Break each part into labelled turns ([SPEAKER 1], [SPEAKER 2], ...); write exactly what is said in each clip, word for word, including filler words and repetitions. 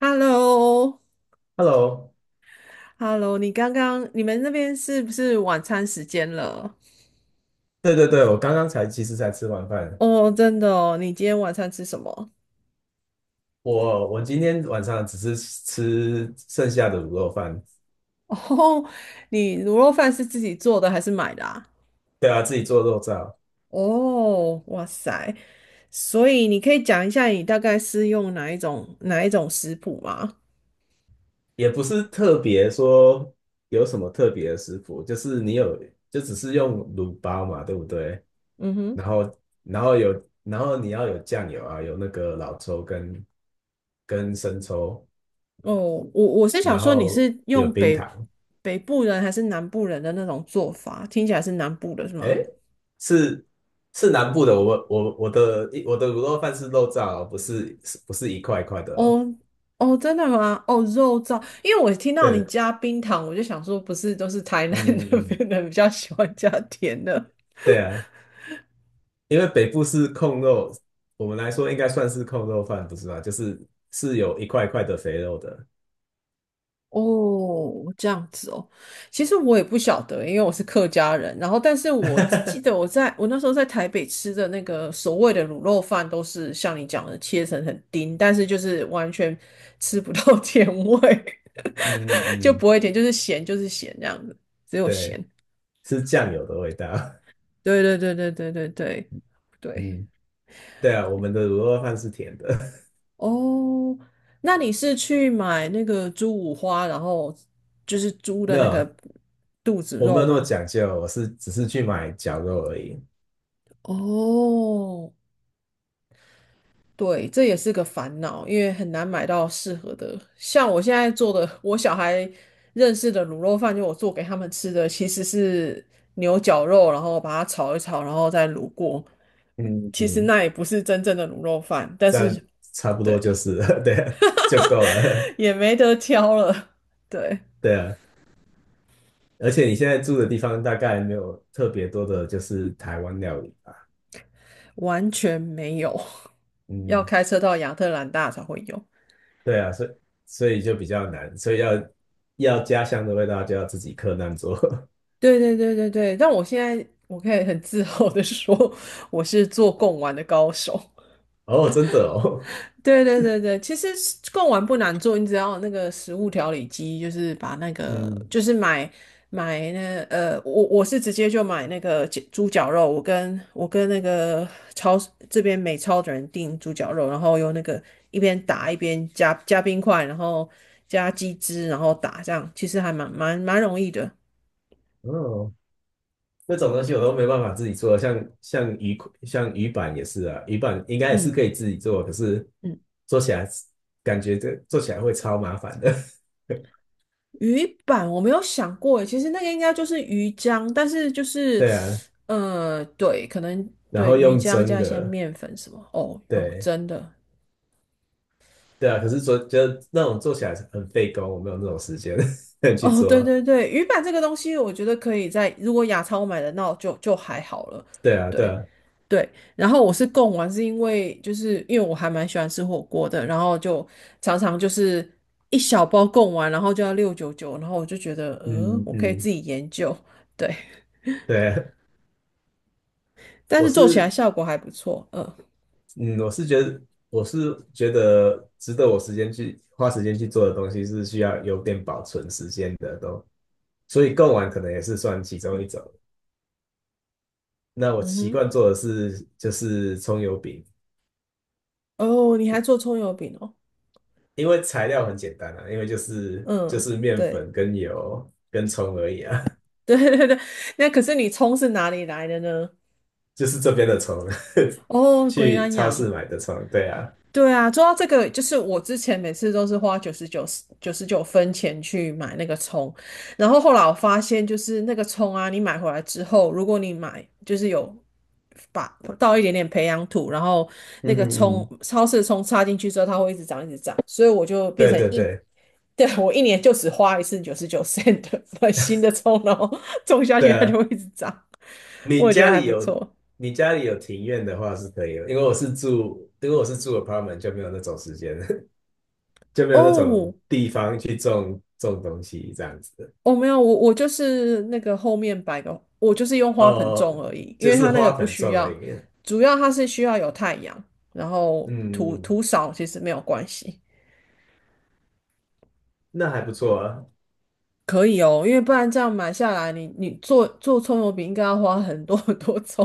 [SPEAKER 1] h e l l o
[SPEAKER 2] Hello，
[SPEAKER 1] h e l l o 你刚刚你们那边是不是晚餐时间了？
[SPEAKER 2] 对对对，我刚刚才其实才吃完饭，
[SPEAKER 1] 哦，真的哦，你今天晚餐吃什么？
[SPEAKER 2] 我我今天晚上只是吃剩下的卤肉饭，
[SPEAKER 1] 哦，你卤肉饭是自己做的还是买的啊？
[SPEAKER 2] 对啊，自己做肉燥。
[SPEAKER 1] 哦，哇塞，所以你可以讲一下你大概是用哪一种哪一种食谱吗？
[SPEAKER 2] 也不是特别说有什么特别的食谱，就是你有就只是用卤包嘛，对不对？
[SPEAKER 1] 嗯哼，
[SPEAKER 2] 然后然后有然后你要有酱油啊，有那个老抽跟跟生抽，
[SPEAKER 1] 哦，我我是想
[SPEAKER 2] 然
[SPEAKER 1] 说你
[SPEAKER 2] 后
[SPEAKER 1] 是
[SPEAKER 2] 有
[SPEAKER 1] 用
[SPEAKER 2] 冰
[SPEAKER 1] 北
[SPEAKER 2] 糖。
[SPEAKER 1] 北部人还是南部人的那种做法，听起来是南部的是吗？
[SPEAKER 2] 哎，是是南部的。我我我的我的卤肉饭是肉燥哦，不是是不是一块一块的哦？
[SPEAKER 1] 哦哦，真的吗？哦，肉燥，因为我听到你
[SPEAKER 2] 对，
[SPEAKER 1] 加冰糖，我就想说，不是都是台南
[SPEAKER 2] 嗯
[SPEAKER 1] 那边
[SPEAKER 2] 嗯，
[SPEAKER 1] 的人比较喜欢加甜的。
[SPEAKER 2] 对啊，因为北部是控肉，我们来说应该算是控肉饭，不是吗？就是是有一块一块的肥肉的。
[SPEAKER 1] 哦，这样子哦。其实我也不晓得，因为我是客家人。然后，但是我记得 我在我那时候在台北吃的那个所谓的卤肉饭，都是像你讲的切成很丁，但是就是完全吃不到 甜味，
[SPEAKER 2] 嗯嗯
[SPEAKER 1] 就
[SPEAKER 2] 嗯，
[SPEAKER 1] 不会甜，就是咸就是咸这样子，只有
[SPEAKER 2] 对，
[SPEAKER 1] 咸。
[SPEAKER 2] 是酱油的味道。
[SPEAKER 1] 对对对对对对对 对。
[SPEAKER 2] 嗯，对啊，我们的卤肉饭是甜的。
[SPEAKER 1] 哦，那你是去买那个猪五花，然后就是猪 的
[SPEAKER 2] 没
[SPEAKER 1] 那
[SPEAKER 2] 有，
[SPEAKER 1] 个肚子
[SPEAKER 2] 我没
[SPEAKER 1] 肉
[SPEAKER 2] 有那么
[SPEAKER 1] 吗？
[SPEAKER 2] 讲究，我是只是去买绞肉而已。
[SPEAKER 1] 哦，对，这也是个烦恼，因为很难买到适合的。像我现在做的，我小孩认识的卤肉饭，就我做给他们吃的，其实是牛角肉，然后把它炒一炒，然后再卤过。
[SPEAKER 2] 嗯
[SPEAKER 1] 其实
[SPEAKER 2] 嗯。
[SPEAKER 1] 那也不是真正的卤肉饭，但
[SPEAKER 2] 这
[SPEAKER 1] 是
[SPEAKER 2] 样差不
[SPEAKER 1] 对，
[SPEAKER 2] 多就是 对啊，就够 了。
[SPEAKER 1] 也没得挑了，对。
[SPEAKER 2] 对啊。而且你现在住的地方大概没有特别多的，就是台湾料理吧。
[SPEAKER 1] 完全没有，要
[SPEAKER 2] 嗯，
[SPEAKER 1] 开车到亚特兰大才会有。
[SPEAKER 2] 对啊，所以所以就比较难，所以要要家乡的味道就要自己克难做。
[SPEAKER 1] 对对对对对，但我现在我可以很自豪的说，我是做贡丸的高手。
[SPEAKER 2] 哦，真的哦。
[SPEAKER 1] 对对对对，其实是贡丸不难做，你只要有那个食物调理机，就是把那个
[SPEAKER 2] 嗯，
[SPEAKER 1] 就是买买那呃，我我是直接就买那个鸡猪脚肉，我跟我跟那个超市这边美超的人订猪脚肉，然后用那个一边打一边加加冰块，然后加鸡汁，然后打这样，其实还蛮蛮蛮容易的。
[SPEAKER 2] 哦，那种东西我都没办法自己做，像像鱼像鱼板也是啊，鱼板应该也是
[SPEAKER 1] 嗯
[SPEAKER 2] 可以自己做，可是
[SPEAKER 1] 嗯。
[SPEAKER 2] 做起来感觉这做起来会超麻烦的。
[SPEAKER 1] 鱼板我没有想过诶，其实那个应该就是鱼浆，但是就是
[SPEAKER 2] 对啊，
[SPEAKER 1] 呃，对，可能
[SPEAKER 2] 然
[SPEAKER 1] 对
[SPEAKER 2] 后
[SPEAKER 1] 鱼
[SPEAKER 2] 用
[SPEAKER 1] 浆
[SPEAKER 2] 蒸
[SPEAKER 1] 加一些
[SPEAKER 2] 的。
[SPEAKER 1] 面粉什么。哦哦，
[SPEAKER 2] 对，
[SPEAKER 1] 真的。
[SPEAKER 2] 对啊，可是做得那种做起来很费工，我没有那种时间 去
[SPEAKER 1] 哦，对
[SPEAKER 2] 做。
[SPEAKER 1] 对对，鱼板这个东西，我觉得可以在如果亚超买的，那就就还好了。
[SPEAKER 2] 对啊，对
[SPEAKER 1] 对
[SPEAKER 2] 啊，
[SPEAKER 1] 对，然后我是供完，是因为就是因为我还蛮喜欢吃火锅的，然后就常常就是一小包供完，然后就要六九九，然后我就觉得，呃，
[SPEAKER 2] 嗯
[SPEAKER 1] 我可以自
[SPEAKER 2] 嗯，
[SPEAKER 1] 己研究，对，
[SPEAKER 2] 对，
[SPEAKER 1] 但
[SPEAKER 2] 我
[SPEAKER 1] 是做起来
[SPEAKER 2] 是
[SPEAKER 1] 效果还不错。嗯
[SPEAKER 2] 嗯，我是觉得我是觉得值得我时间去花时间去做的东西是需要有点保存时间的都，所以贡丸可能也是算其中一种。那我
[SPEAKER 1] 嗯
[SPEAKER 2] 习
[SPEAKER 1] 哼，
[SPEAKER 2] 惯做的是就是葱油饼，
[SPEAKER 1] 哦，你还做葱油饼哦，
[SPEAKER 2] 因为材料很简单啊，因为就是就
[SPEAKER 1] 嗯，
[SPEAKER 2] 是面
[SPEAKER 1] 对。
[SPEAKER 2] 粉跟油跟葱而已啊。
[SPEAKER 1] 对对对，那可是你葱是哪里来的呢？
[SPEAKER 2] 就是这边的虫。
[SPEAKER 1] 哦，鬼
[SPEAKER 2] 去
[SPEAKER 1] 南
[SPEAKER 2] 超
[SPEAKER 1] 洋。
[SPEAKER 2] 市买的虫，对啊，
[SPEAKER 1] 对啊，说到这个，就是我之前每次都是花九十九九十九分钱去买那个葱，然后后来我发现，就是那个葱啊，你买回来之后，如果你买就是有把倒一点点培养土，然后那
[SPEAKER 2] 嗯
[SPEAKER 1] 个
[SPEAKER 2] 嗯
[SPEAKER 1] 葱
[SPEAKER 2] 嗯，
[SPEAKER 1] 超市的葱插进去之后，它会一直长一直长，所以我就变
[SPEAKER 2] 对
[SPEAKER 1] 成
[SPEAKER 2] 对
[SPEAKER 1] 一，
[SPEAKER 2] 对，
[SPEAKER 1] 对，我一年就只花一次九十九 cent 买新的葱，然后种下
[SPEAKER 2] 对
[SPEAKER 1] 去它就
[SPEAKER 2] 啊，
[SPEAKER 1] 会一直长。我
[SPEAKER 2] 你
[SPEAKER 1] 也觉得
[SPEAKER 2] 家
[SPEAKER 1] 还
[SPEAKER 2] 里
[SPEAKER 1] 不
[SPEAKER 2] 有
[SPEAKER 1] 错。
[SPEAKER 2] 你家里有庭院的话是可以的，因为我是住因为我是住 apartment 就没有那种时间。就没有那种
[SPEAKER 1] 哦，
[SPEAKER 2] 地方去种种东西这样子的。
[SPEAKER 1] 哦，没有，我我就是那个后面摆个，我就是用花盆种
[SPEAKER 2] 哦，
[SPEAKER 1] 而已，因
[SPEAKER 2] 就
[SPEAKER 1] 为它
[SPEAKER 2] 是
[SPEAKER 1] 那个
[SPEAKER 2] 花
[SPEAKER 1] 不
[SPEAKER 2] 盆
[SPEAKER 1] 需
[SPEAKER 2] 种而
[SPEAKER 1] 要，
[SPEAKER 2] 已。
[SPEAKER 1] 主要它是需要有太阳，然后土
[SPEAKER 2] 嗯，嗯
[SPEAKER 1] 土少其实没有关系，
[SPEAKER 2] 那还不错啊。
[SPEAKER 1] 可以哦，因为不然这样买下来，你你做做葱油饼应该要花很多 很多葱。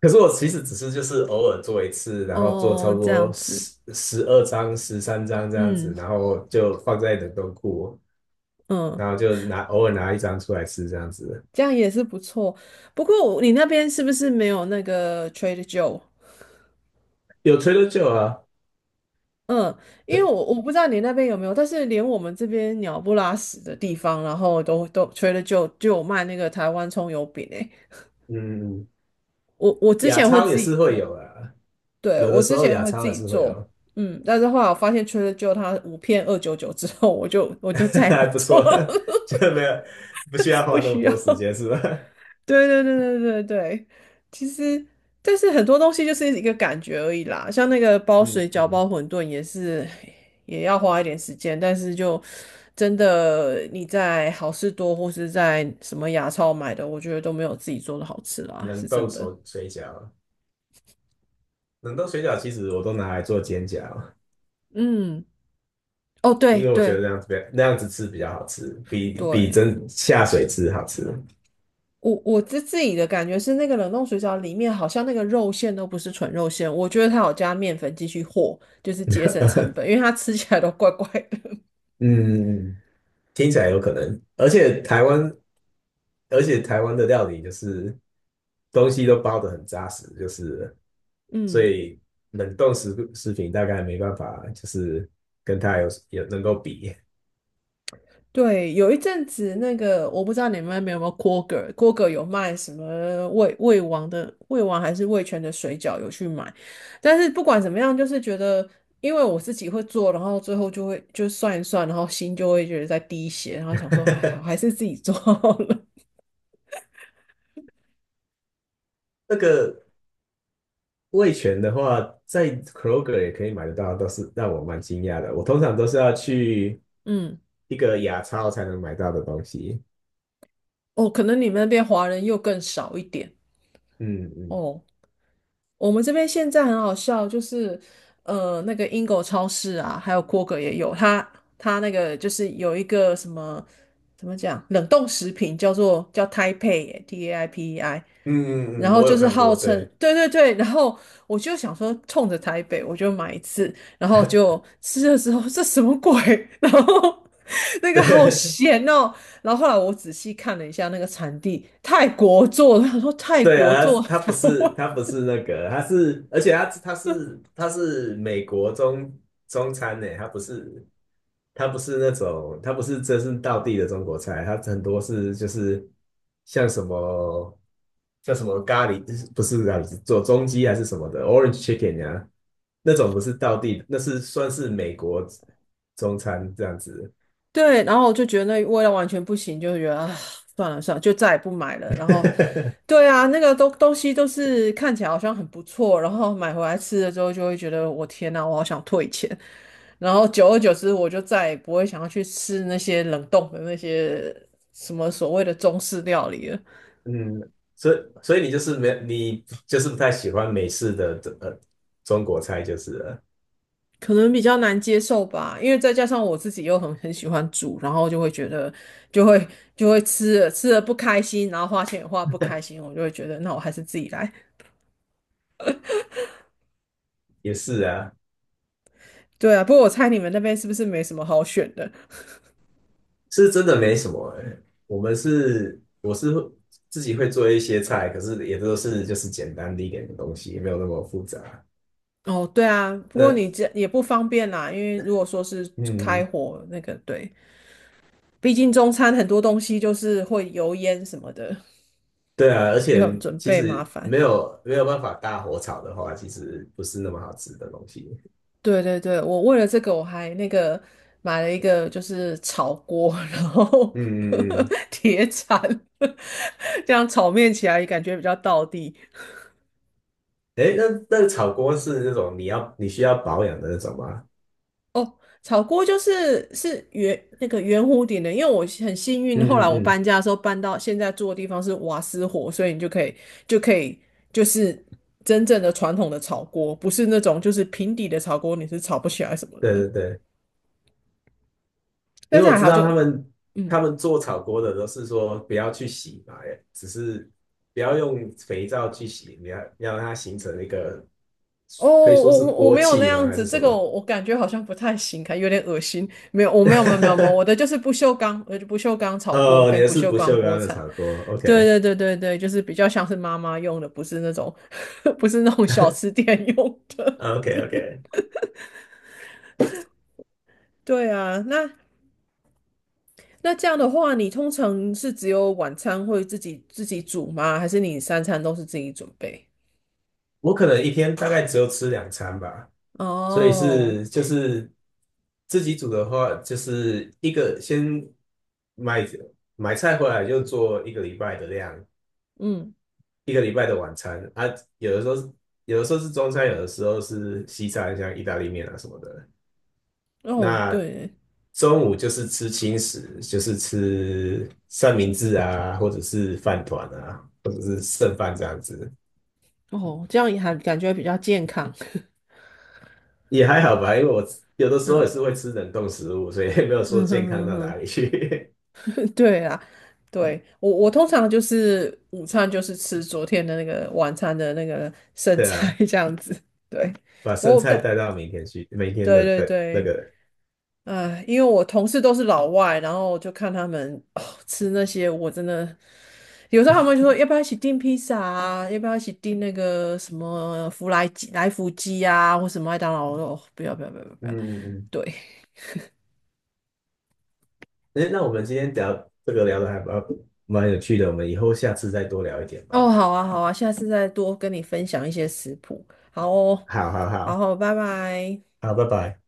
[SPEAKER 2] 可是我其实只是就是偶尔做一次，然后做差
[SPEAKER 1] 哦，
[SPEAKER 2] 不
[SPEAKER 1] 这样
[SPEAKER 2] 多
[SPEAKER 1] 子，
[SPEAKER 2] 十十二张、十三张这样子，
[SPEAKER 1] 嗯
[SPEAKER 2] 然后就放在冷冻库，
[SPEAKER 1] 嗯，
[SPEAKER 2] 然后就拿偶尔拿一张出来吃这样子。
[SPEAKER 1] 这样也是不错。不过我你那边是不是没有那个 t r a d e Joe？
[SPEAKER 2] 有吹的就啊。
[SPEAKER 1] 嗯，因为我我不知道你那边有没有，但是连我们这边鸟不拉屎的地方，然后都都除了就就有卖那个台湾葱油饼诶，
[SPEAKER 2] 嗯，
[SPEAKER 1] 我我之
[SPEAKER 2] 亚
[SPEAKER 1] 前会
[SPEAKER 2] 超也
[SPEAKER 1] 自己
[SPEAKER 2] 是会
[SPEAKER 1] 做，
[SPEAKER 2] 有啊。
[SPEAKER 1] 对，
[SPEAKER 2] 有的
[SPEAKER 1] 我
[SPEAKER 2] 时
[SPEAKER 1] 之
[SPEAKER 2] 候
[SPEAKER 1] 前
[SPEAKER 2] 亚
[SPEAKER 1] 会自
[SPEAKER 2] 超也
[SPEAKER 1] 己
[SPEAKER 2] 是会
[SPEAKER 1] 做，
[SPEAKER 2] 有。
[SPEAKER 1] 嗯，但是后来我发现 j 了就它五片二九九之后，我就我就再 也不
[SPEAKER 2] 还不
[SPEAKER 1] 做
[SPEAKER 2] 错。
[SPEAKER 1] 了。
[SPEAKER 2] 就没有，不需要
[SPEAKER 1] 不
[SPEAKER 2] 花那么
[SPEAKER 1] 需要。
[SPEAKER 2] 多时间是吧？
[SPEAKER 1] 对对对对对对，其实但是很多东西就是一个感觉而已啦，像那个包
[SPEAKER 2] 嗯
[SPEAKER 1] 水饺、包
[SPEAKER 2] 嗯。
[SPEAKER 1] 馄饨也是，也要花一点时间，但是就真的你在好事多或是在什么牙超买的，我觉得都没有自己做的好吃啦，是
[SPEAKER 2] 冷冻
[SPEAKER 1] 真的。
[SPEAKER 2] 手水饺，冷冻水饺其实我都拿来做煎饺。
[SPEAKER 1] 嗯，哦，对
[SPEAKER 2] 因为我觉得
[SPEAKER 1] 对
[SPEAKER 2] 那样子那样子吃比较好吃，比比
[SPEAKER 1] 对，
[SPEAKER 2] 真下水吃好吃。
[SPEAKER 1] 我我自自己的感觉是那个冷冻水饺里面好像那个肉馅都不是纯肉馅，我觉得它有加面粉继续和，就是节省成 本，因为它吃起来都怪怪的。
[SPEAKER 2] 嗯，听起来有可能。而且台湾，而且台湾的料理就是东西都包得很扎实，就是 所
[SPEAKER 1] 嗯。
[SPEAKER 2] 以冷冻食食品大概没办法，就是跟它有有能够比。
[SPEAKER 1] 对，有一阵子那个，我不知道你们那边有没有 Kroger，Kroger 有卖什么味味王的味王还是味全的水饺，有去买。但是不管怎么样，就是觉得，因为我自己会做，然后最后就会就算一算，然后心就会觉得在滴血，然后想说，哎，我还 是自己做好了。
[SPEAKER 2] 那个味全的话，在 Kroger 也可以买得到，都是让我蛮惊讶的。我通常都是要去
[SPEAKER 1] 嗯，
[SPEAKER 2] 一个亚超才能买到的东西。
[SPEAKER 1] 哦，可能你们那边华人又更少一点。
[SPEAKER 2] 嗯嗯。
[SPEAKER 1] 哦，我们这边现在很好笑，就是呃，那个英狗超市啊，还有 k r 也有，它它那个就是有一个什么怎么讲，冷冻食品叫做叫 Taipei T A I P E I，
[SPEAKER 2] 嗯
[SPEAKER 1] 然
[SPEAKER 2] 嗯嗯，
[SPEAKER 1] 后
[SPEAKER 2] 我
[SPEAKER 1] 就
[SPEAKER 2] 有
[SPEAKER 1] 是
[SPEAKER 2] 看
[SPEAKER 1] 号
[SPEAKER 2] 过，
[SPEAKER 1] 称
[SPEAKER 2] 对。
[SPEAKER 1] 对对对，然后我就想说冲着台北我就买一次，然后 就吃的时候这什么鬼，然后那个好
[SPEAKER 2] 对，
[SPEAKER 1] 咸哦，然后后来我仔细看了一下那个产地，泰国做的，他说泰
[SPEAKER 2] 对
[SPEAKER 1] 国
[SPEAKER 2] 啊，
[SPEAKER 1] 做的
[SPEAKER 2] 他他不
[SPEAKER 1] 台
[SPEAKER 2] 是
[SPEAKER 1] 湾。
[SPEAKER 2] 他不是那个，他是而且他他是他是美国中中餐呢，他不是他不是那种他不是真是道地的中国菜。他很多是就是像什么像什么咖喱，不是咖喱，做中鸡还是什么的，orange chicken 呀、那种不是道地，那是算是美国中餐这样子。
[SPEAKER 1] 对，然后我就觉得那味道完全不行，就觉得啊，算了算了，就再也不买了。然后，对啊，那个东东西都是看起来好像很不错，然后买回来吃了之后，就会觉得我天呐，我好想退钱。然后久而久之，我就再也不会想要去吃那些冷冻的那些什么所谓的中式料理了，
[SPEAKER 2] 嗯，所以所以你就是没你就是不太喜欢美式的呃中国菜，就是了。
[SPEAKER 1] 可能比较难接受吧。因为再加上我自己又很很喜欢煮，然后就会觉得就会就会吃了吃了不开心，然后花钱也花不开心，我就会觉得那我还是自己来。
[SPEAKER 2] 也是啊，
[SPEAKER 1] 对啊，不过我猜你们那边是不是没什么好选的？
[SPEAKER 2] 是真的没什么欸。我们是我是自己会做一些菜，可是也都是就是简单的一点的东西，没有那么复杂。
[SPEAKER 1] 哦，对啊，不过
[SPEAKER 2] 那
[SPEAKER 1] 你这也不方便啦，因为如果说是开
[SPEAKER 2] 嗯，
[SPEAKER 1] 火那个，对，毕竟中餐很多东西就是会油烟什么的，
[SPEAKER 2] 对啊，而
[SPEAKER 1] 又很
[SPEAKER 2] 且
[SPEAKER 1] 准
[SPEAKER 2] 其
[SPEAKER 1] 备麻
[SPEAKER 2] 实
[SPEAKER 1] 烦。
[SPEAKER 2] 没有没有办法大火炒的话，其实不是那么好吃的东西。
[SPEAKER 1] 对对对，我为了这个我还那个买了一个就是炒锅，然后
[SPEAKER 2] 嗯嗯嗯，
[SPEAKER 1] 铁铲，这样炒面起来感觉比较道地。
[SPEAKER 2] 哎，那那个炒锅是那种你要你需要保养的那种吗？
[SPEAKER 1] 哦，炒锅就是是圆那个圆弧顶的，因为我很幸运，
[SPEAKER 2] 嗯
[SPEAKER 1] 后来
[SPEAKER 2] 嗯
[SPEAKER 1] 我
[SPEAKER 2] 嗯，
[SPEAKER 1] 搬家的时候搬到现在住的地方是瓦斯火，所以你就可以就可以就是真正的传统的炒锅，不是那种就是平底的炒锅，你是炒不起来什么
[SPEAKER 2] 对
[SPEAKER 1] 的。
[SPEAKER 2] 对对。因
[SPEAKER 1] 但
[SPEAKER 2] 为
[SPEAKER 1] 是
[SPEAKER 2] 我
[SPEAKER 1] 还
[SPEAKER 2] 知
[SPEAKER 1] 好
[SPEAKER 2] 道他
[SPEAKER 1] 就，
[SPEAKER 2] 们
[SPEAKER 1] 嗯，
[SPEAKER 2] 他们做炒锅的都是说不要去洗嘛，只是不要用肥皂去洗，你要要让它形成一个
[SPEAKER 1] 哦，
[SPEAKER 2] 可以
[SPEAKER 1] 我
[SPEAKER 2] 说是
[SPEAKER 1] 我我
[SPEAKER 2] 锅
[SPEAKER 1] 没有那
[SPEAKER 2] 气吗？
[SPEAKER 1] 样
[SPEAKER 2] 还
[SPEAKER 1] 子，
[SPEAKER 2] 是什
[SPEAKER 1] 这个
[SPEAKER 2] 么？
[SPEAKER 1] 我我感觉好像不太行，看有点恶心。没有，我没有没有没有没有，我的就 是不锈钢，呃，不锈钢炒锅
[SPEAKER 2] 哦，你
[SPEAKER 1] 跟
[SPEAKER 2] 的
[SPEAKER 1] 不
[SPEAKER 2] 是
[SPEAKER 1] 锈
[SPEAKER 2] 不
[SPEAKER 1] 钢
[SPEAKER 2] 锈
[SPEAKER 1] 锅
[SPEAKER 2] 钢的
[SPEAKER 1] 铲。
[SPEAKER 2] 炒锅
[SPEAKER 1] 对
[SPEAKER 2] ，OK
[SPEAKER 1] 对对对对，就是比较像是妈妈用的，不是那种 不是那种小吃店用的。
[SPEAKER 2] OK OK。
[SPEAKER 1] 对啊，那那这样的话，你通常是只有晚餐会自己自己煮吗？还是你三餐都是自己准备？
[SPEAKER 2] 我可能一天大概只有吃两餐吧，所以
[SPEAKER 1] 哦，
[SPEAKER 2] 是就是自己煮的话，就是一个先买买菜回来就做一个礼拜的量，
[SPEAKER 1] 嗯，
[SPEAKER 2] 一个礼拜的晚餐啊。有的时候是有的时候是中餐，有的时候是西餐，像意大利面啊什么的。
[SPEAKER 1] 哦，
[SPEAKER 2] 那
[SPEAKER 1] 对，
[SPEAKER 2] 中午就是吃轻食，就是吃三明治啊，或者是饭团啊，或者是剩饭这样子。
[SPEAKER 1] 哦，这样也还感觉比较健康。
[SPEAKER 2] 也还好吧。因为我有的 时候也
[SPEAKER 1] 嗯。
[SPEAKER 2] 是会吃冷冻食物，所以也没有 说
[SPEAKER 1] 嗯哼
[SPEAKER 2] 健康
[SPEAKER 1] 哼
[SPEAKER 2] 到
[SPEAKER 1] 哼，
[SPEAKER 2] 哪里去。
[SPEAKER 1] 对啊，对，我我通常就是午餐就是吃昨天的那个晚餐的那个 剩
[SPEAKER 2] 对
[SPEAKER 1] 菜
[SPEAKER 2] 啊，
[SPEAKER 1] 这样子，对，
[SPEAKER 2] 把剩
[SPEAKER 1] 我
[SPEAKER 2] 菜
[SPEAKER 1] 但
[SPEAKER 2] 带到明天去，明天
[SPEAKER 1] 对
[SPEAKER 2] 的
[SPEAKER 1] 对
[SPEAKER 2] 的那
[SPEAKER 1] 对，
[SPEAKER 2] 个。
[SPEAKER 1] 哎，因为我同事都是老外，然后我就看他们哦吃那些，我真的有时候他们就说要不要一起订披萨啊，要不要一起订那个什么福来鸡来福鸡啊，或什么麦当劳，我说哦不要不要不要不要，不
[SPEAKER 2] 嗯
[SPEAKER 1] 要
[SPEAKER 2] 嗯嗯，
[SPEAKER 1] 对，
[SPEAKER 2] 哎，那我们今天聊这个聊的还蛮蛮有趣的，我们以后下次再多聊一点
[SPEAKER 1] 哦，
[SPEAKER 2] 吧。
[SPEAKER 1] 好啊，好啊，下次再多跟你分享一些食谱。好哦，
[SPEAKER 2] 好好
[SPEAKER 1] 好
[SPEAKER 2] 好，
[SPEAKER 1] 好，拜拜。
[SPEAKER 2] 好，拜拜。